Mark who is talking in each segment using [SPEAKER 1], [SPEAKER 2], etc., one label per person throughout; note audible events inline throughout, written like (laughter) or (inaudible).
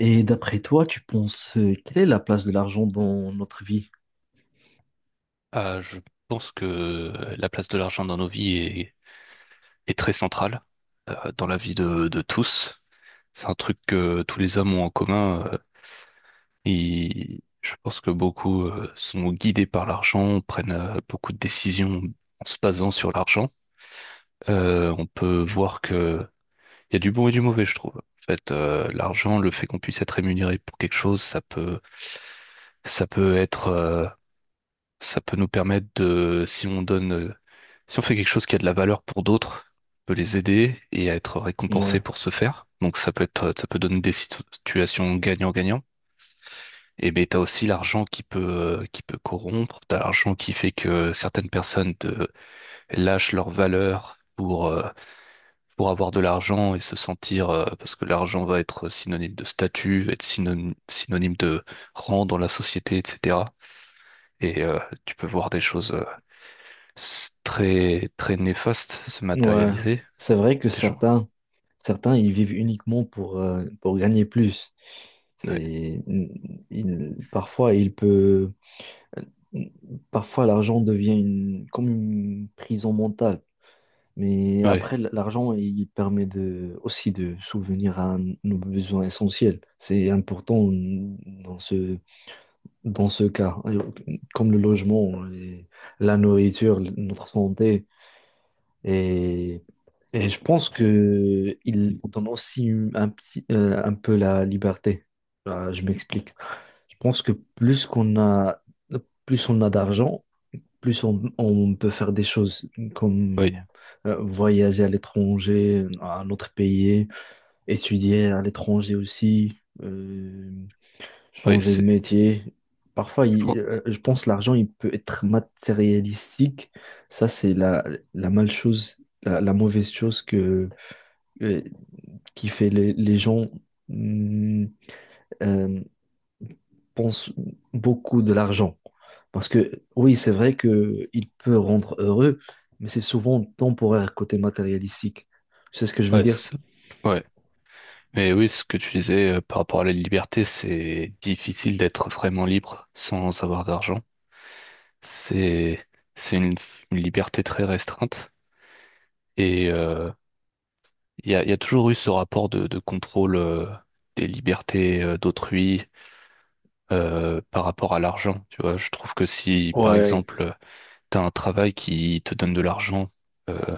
[SPEAKER 1] Et d'après toi, tu penses, quelle est la place de l'argent dans notre vie?
[SPEAKER 2] Ah, je pense que la place de l'argent dans nos vies est très centrale dans la vie de tous. C'est un truc que tous les hommes ont en commun. Et je pense que beaucoup sont guidés par l'argent, prennent beaucoup de décisions en se basant sur l'argent. On peut voir que il y a du bon et du mauvais, je trouve. En fait, l'argent, le fait qu'on puisse être rémunéré pour quelque chose, ça peut être, ça peut nous permettre de, si on donne si on fait quelque chose qui a de la valeur pour d'autres, on peut les aider et être récompensé
[SPEAKER 1] Ouais,
[SPEAKER 2] pour ce faire. Donc ça peut donner des situations gagnant-gagnant. Et ben t'as aussi l'argent qui peut corrompre. T'as l'argent qui fait que certaines personnes te lâchent leur valeur pour avoir de l'argent et se sentir, parce que l'argent va être synonyme de statut, être synonyme de rang dans la société, etc. Et euh, Tu peux voir des choses très, très néfastes se
[SPEAKER 1] ouais.
[SPEAKER 2] matérialiser.
[SPEAKER 1] C'est vrai que
[SPEAKER 2] Des gens.
[SPEAKER 1] certains, certains ils vivent uniquement pour gagner plus. C'est, Parfois, parfois l'argent devient comme une prison mentale. Mais
[SPEAKER 2] Oui,
[SPEAKER 1] après, l'argent, il permet de, aussi de souvenir à nos besoins essentiels. C'est important dans ce, Dans ce cas, comme le logement, et la nourriture, notre santé, et, je pense que il donne aussi un petit, un peu la liberté. Je m'explique. Je pense que plus on a d'argent, plus on peut faire des choses
[SPEAKER 2] oui,
[SPEAKER 1] comme voyager à l'étranger, à un autre pays, étudier à l'étranger aussi. euh,
[SPEAKER 2] oui,
[SPEAKER 1] Changer de métier. Parfois,
[SPEAKER 2] je crois.
[SPEAKER 1] je pense l'argent, il peut être matérialistique. Ça, c'est la mal chose, la mauvaise chose que, euh, qui fait les gens mm, euh, pensent beaucoup de l'argent. Parce que oui, c'est vrai que il peut rendre heureux, mais c'est souvent temporaire côté matérialistique. C'est ce que je veux
[SPEAKER 2] Ouais,
[SPEAKER 1] dire?
[SPEAKER 2] c'est ça. Ouais. Mais oui, ce que tu disais par rapport à la liberté, c'est difficile d'être vraiment libre sans avoir d'argent. C'est, c'est une liberté très restreinte. Et euh, il y a toujours eu ce rapport de contrôle des libertés d'autrui par rapport à l'argent. Tu vois, je trouve que si, par
[SPEAKER 1] Ouais,
[SPEAKER 2] exemple, tu as un travail qui te donne de l'argent, euh,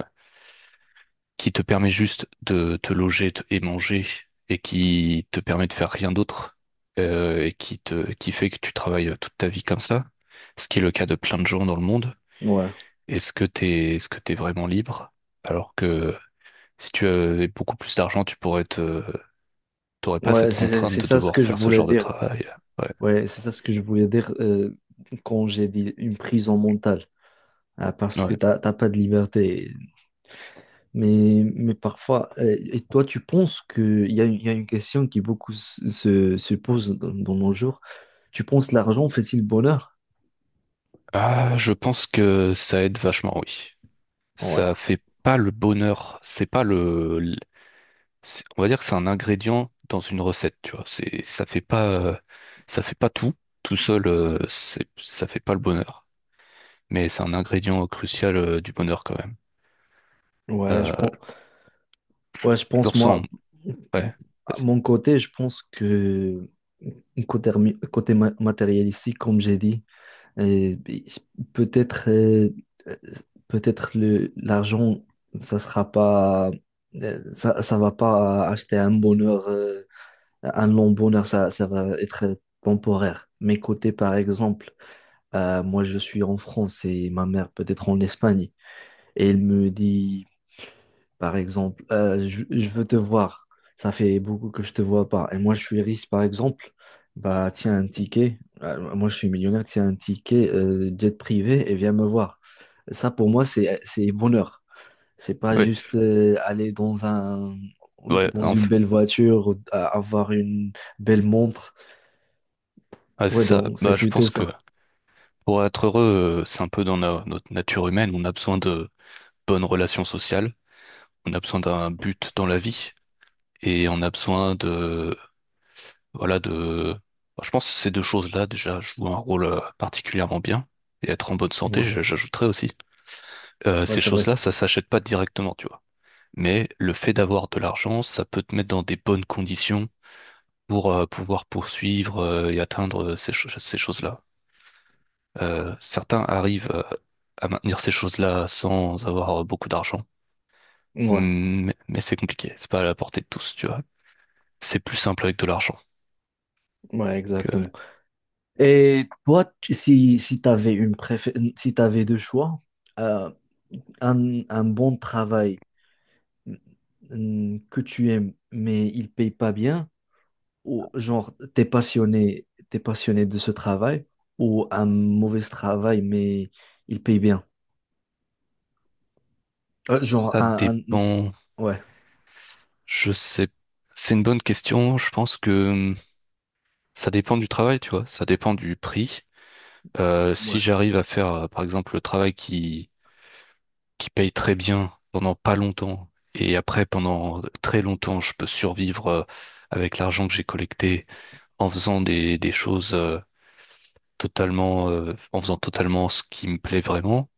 [SPEAKER 2] qui te permet juste de et manger et qui te permet de faire rien d'autre et qui fait que tu travailles toute ta vie comme ça, ce qui est le cas de plein de gens dans le monde.
[SPEAKER 1] ouais,
[SPEAKER 2] Est-ce que t'es vraiment libre? Alors que si tu avais beaucoup plus d'argent, tu pourrais te t'aurais pas
[SPEAKER 1] ouais,
[SPEAKER 2] cette contrainte
[SPEAKER 1] c'est
[SPEAKER 2] de
[SPEAKER 1] ça ce
[SPEAKER 2] devoir
[SPEAKER 1] que je
[SPEAKER 2] faire ce
[SPEAKER 1] voulais
[SPEAKER 2] genre de
[SPEAKER 1] dire.
[SPEAKER 2] travail. Ouais,
[SPEAKER 1] Ouais, c'est ça ce que je voulais dire quand j'ai dit une prison mentale. Ah, parce que
[SPEAKER 2] ouais.
[SPEAKER 1] t'as pas de liberté. Mais parfois, et toi, tu penses que il y a, il y a une question qui beaucoup se pose dans, dans nos jours. Tu penses l'argent fait-il bonheur?
[SPEAKER 2] Ah, je pense que ça aide vachement, oui.
[SPEAKER 1] Ouais.
[SPEAKER 2] Ça fait pas le bonheur, c'est pas le c'est- on va dire que c'est un ingrédient dans une recette, tu vois. Ça fait pas tout. Tout seul, ça fait pas le bonheur. Mais c'est un ingrédient crucial, du bonheur quand même.
[SPEAKER 1] Ouais, je
[SPEAKER 2] Euh,
[SPEAKER 1] pense, ouais, je
[SPEAKER 2] je le
[SPEAKER 1] pense,
[SPEAKER 2] ressens.
[SPEAKER 1] moi,
[SPEAKER 2] Ouais.
[SPEAKER 1] à
[SPEAKER 2] Vas-y.
[SPEAKER 1] mon côté, je pense que côté, côté matérialistique, comme j'ai dit, euh, peut-être euh, euh, peut-être le l'argent, ça sera pas, ça, ça va pas acheter un bonheur, un long bonheur, ça va être temporaire. Mais côté, par exemple, moi, je suis en France et ma mère peut-être en Espagne. Et elle me dit, par exemple. Je veux te voir. Ça fait beaucoup que je te vois pas. Et moi, je suis riche, par exemple. Bah, tiens un ticket. Moi, je suis millionnaire. Tiens un ticket jet privé et viens me voir. Ça, pour moi, c'est bonheur. C'est pas
[SPEAKER 2] Ouais.
[SPEAKER 1] juste aller dans un
[SPEAKER 2] Ouais.
[SPEAKER 1] dans une
[SPEAKER 2] Enf-
[SPEAKER 1] belle voiture, ou, avoir une belle montre.
[SPEAKER 2] ah, c'est
[SPEAKER 1] Ouais,
[SPEAKER 2] ça.
[SPEAKER 1] donc
[SPEAKER 2] Bah,
[SPEAKER 1] c'est
[SPEAKER 2] je
[SPEAKER 1] plutôt
[SPEAKER 2] pense que
[SPEAKER 1] ça.
[SPEAKER 2] pour être heureux, c'est un peu dans notre nature humaine. On a besoin de bonnes relations sociales. On a besoin d'un but dans la vie. Et on a besoin de voilà, de... bah, je pense que ces deux choses-là déjà jouent un rôle particulièrement bien. Et être en bonne santé,
[SPEAKER 1] Ouais,
[SPEAKER 2] j'ajouterais aussi.
[SPEAKER 1] ouais,
[SPEAKER 2] Ces
[SPEAKER 1] c'est vrai.
[SPEAKER 2] choses-là, ça s'achète pas directement, tu vois. Mais le fait d'avoir de l'argent, ça peut te mettre dans des bonnes conditions pour pouvoir poursuivre et atteindre ces choses-là. Certains arrivent à maintenir ces choses-là sans avoir beaucoup d'argent.
[SPEAKER 1] Ouais,
[SPEAKER 2] Mmh. Mais c'est compliqué, c'est pas à la portée de tous, tu vois. C'est plus simple avec de l'argent.
[SPEAKER 1] ouais,
[SPEAKER 2] Donc,
[SPEAKER 1] exactement. Et toi, si t'avais si t'avais deux choix. Euh, un bon travail, mm, que tu aimes, mais il paye pas bien, ou genre t'es passionné de ce travail, ou un mauvais travail, mais il paye bien. Euh, genre
[SPEAKER 2] ça
[SPEAKER 1] un, un- mm,
[SPEAKER 2] dépend.
[SPEAKER 1] ouais,
[SPEAKER 2] Je sais, c'est une bonne question. Je pense que ça dépend du travail, tu vois. Ça dépend du prix. Si
[SPEAKER 1] ouais,
[SPEAKER 2] j'arrive à faire, par exemple, qui paye très bien pendant pas longtemps, et après, pendant très longtemps, je peux survivre avec l'argent que j'ai collecté en faisant des choses en faisant totalement ce qui me plaît vraiment,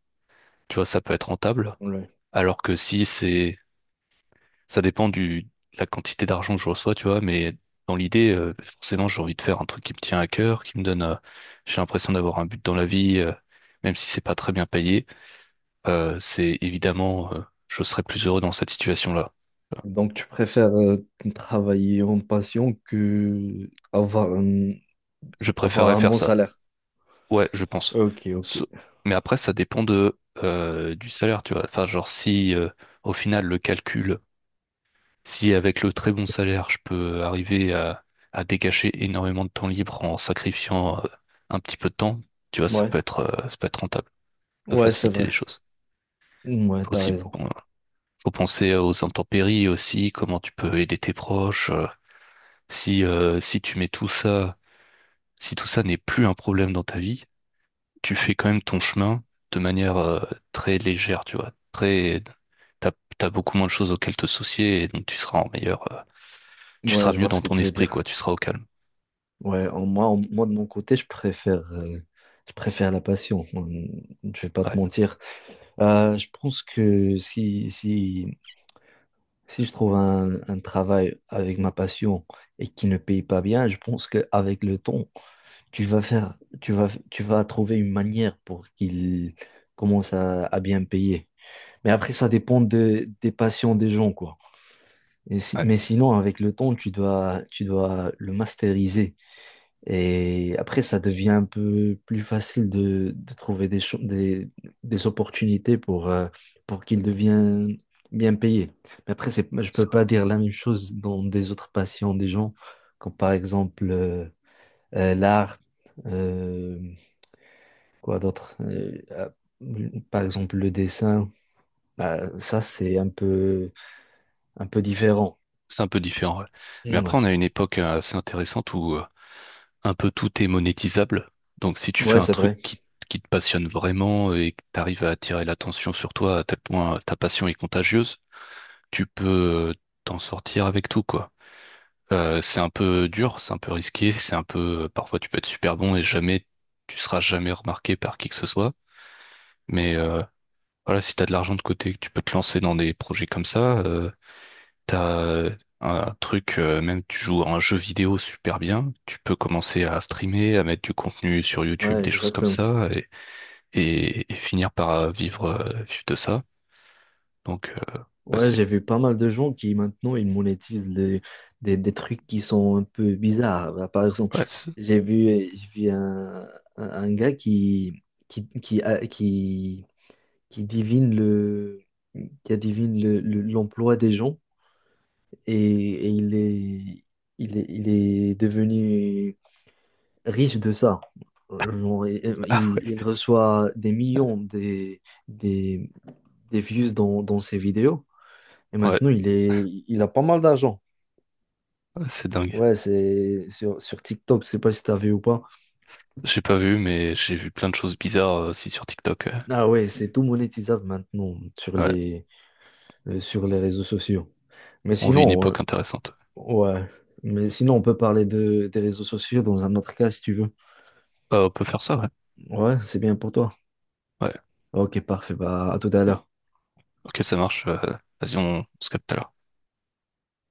[SPEAKER 2] tu vois, ça peut être rentable.
[SPEAKER 1] ouais.
[SPEAKER 2] Alors que si c'est ça dépend du, de la quantité d'argent que je reçois, tu vois, mais dans l'idée, forcément, j'ai envie de faire un truc qui me tient à cœur, qui me donne, j'ai l'impression d'avoir un but dans la vie, même si c'est pas très bien payé. C'est évidemment, je serais plus heureux dans cette situation-là. Euh,
[SPEAKER 1] Donc tu préfères travailler en passion que avoir
[SPEAKER 2] Je préférerais
[SPEAKER 1] avoir un
[SPEAKER 2] faire
[SPEAKER 1] bon
[SPEAKER 2] ça.
[SPEAKER 1] salaire.
[SPEAKER 2] Ouais, je pense.
[SPEAKER 1] Ok, ok.
[SPEAKER 2] Sau- mais après, ça dépend de, du salaire, tu vois. Enfin, genre, si, au final, le calcul si avec le très bon salaire, je peux arriver à dégager énormément de temps libre en sacrifiant un petit peu de temps, tu vois,
[SPEAKER 1] Ouais,
[SPEAKER 2] ça peut être rentable, ça peut
[SPEAKER 1] ouais, c'est
[SPEAKER 2] faciliter
[SPEAKER 1] vrai.
[SPEAKER 2] les choses.
[SPEAKER 1] Ouais,
[SPEAKER 2] Faut
[SPEAKER 1] t'as
[SPEAKER 2] aussi,
[SPEAKER 1] raison.
[SPEAKER 2] faut penser aux intempéries aussi, comment tu peux aider tes proches. Si, si tu mets tout ça, si tout ça n'est plus un problème dans ta vie, tu fais quand même ton chemin de manière très légère, tu vois, t'as, t'as beaucoup moins de choses auxquelles te soucier et donc tu seras en meilleur, tu
[SPEAKER 1] Ouais,
[SPEAKER 2] seras
[SPEAKER 1] je
[SPEAKER 2] mieux
[SPEAKER 1] vois ce
[SPEAKER 2] dans
[SPEAKER 1] que
[SPEAKER 2] ton
[SPEAKER 1] tu veux
[SPEAKER 2] esprit, quoi,
[SPEAKER 1] dire.
[SPEAKER 2] tu seras au calme.
[SPEAKER 1] Ouais, moi de mon côté, je préfère la passion. Hum. Je vais pas te
[SPEAKER 2] Ouais.
[SPEAKER 1] mentir. Je pense que si je trouve un travail avec ma passion et qui ne paye pas bien, je pense qu'avec le temps, tu vas faire, tu vas trouver une manière pour qu'il commence à bien payer. Mais après, ça dépend de, des passions des gens, quoi.
[SPEAKER 2] Ouais,
[SPEAKER 1] Mais sinon, avec le temps, tu dois le masteriser. Et après, ça devient un peu plus facile de trouver des opportunités pour qu'ils deviennent bien payés. Mais après, c'est, je
[SPEAKER 2] c'est
[SPEAKER 1] peux
[SPEAKER 2] vrai.
[SPEAKER 1] pas dire la même chose dans des autres passions des gens, comme par exemple l'art, euh, quoi d'autre, par exemple le dessin. Bah, ça, c'est un peu différent.
[SPEAKER 2] C'est un peu différent. Ouais. Mais
[SPEAKER 1] Mmh. Ouais,
[SPEAKER 2] après, on a une époque assez intéressante où un peu tout est monétisable. Donc, si tu fais
[SPEAKER 1] ouais,
[SPEAKER 2] un
[SPEAKER 1] c'est
[SPEAKER 2] truc
[SPEAKER 1] vrai.
[SPEAKER 2] qui te passionne vraiment et que tu arrives à attirer l'attention sur toi à tel point ta passion est contagieuse, tu peux t'en sortir avec tout, quoi. C'est un peu dur, c'est un peu risqué, c'est un peu, parfois tu peux être super bon et jamais, tu seras jamais remarqué par qui que ce soit. Mais euh, voilà, si tu as de l'argent de côté, que tu peux te lancer dans des projets comme ça, t'as un truc, même tu joues à un jeu vidéo super bien, tu peux commencer à streamer, à mettre du contenu sur YouTube,
[SPEAKER 1] Ouais,
[SPEAKER 2] des choses comme
[SPEAKER 1] exactement.
[SPEAKER 2] ça, et, et finir par vivre de ça. Donc, ouais,
[SPEAKER 1] Ouais, j'ai vu pas mal de gens qui maintenant ils monétisent des trucs qui sont un peu bizarres. Bah, par exemple,
[SPEAKER 2] ouais, c'est-
[SPEAKER 1] j'ai vu un gars qui, a- qui, qui divine le, qui adivine l'emploi des gens et, et il est, il est devenu riche de ça. Genre,
[SPEAKER 2] (laughs) ah,
[SPEAKER 1] il reçoit des millions des, des views dans, dans ses vidéos. Et
[SPEAKER 2] ouais,
[SPEAKER 1] maintenant, il a pas mal d'argent.
[SPEAKER 2] ouais, c'est dingue.
[SPEAKER 1] Ouais, c'est sur, sur TikTok, je sais pas si t'as vu ou pas.
[SPEAKER 2] J'ai pas vu, mais j'ai vu plein de choses bizarres aussi sur TikTok.
[SPEAKER 1] Ah ouais, c'est tout monétisable maintenant
[SPEAKER 2] Ouais,
[SPEAKER 1] sur les réseaux sociaux. Mais
[SPEAKER 2] on vit une
[SPEAKER 1] sinon,
[SPEAKER 2] époque intéressante.
[SPEAKER 1] ouais. Mais sinon, on peut parler de, des réseaux sociaux dans un autre cas si tu veux.
[SPEAKER 2] On peut faire ça, ouais.
[SPEAKER 1] Ouais, c'est bien pour toi.
[SPEAKER 2] Ouais,
[SPEAKER 1] Ok, parfait. Bah, à tout à l'heure.
[SPEAKER 2] ok, ça marche. Vas-y, on se capte tout à l'heure.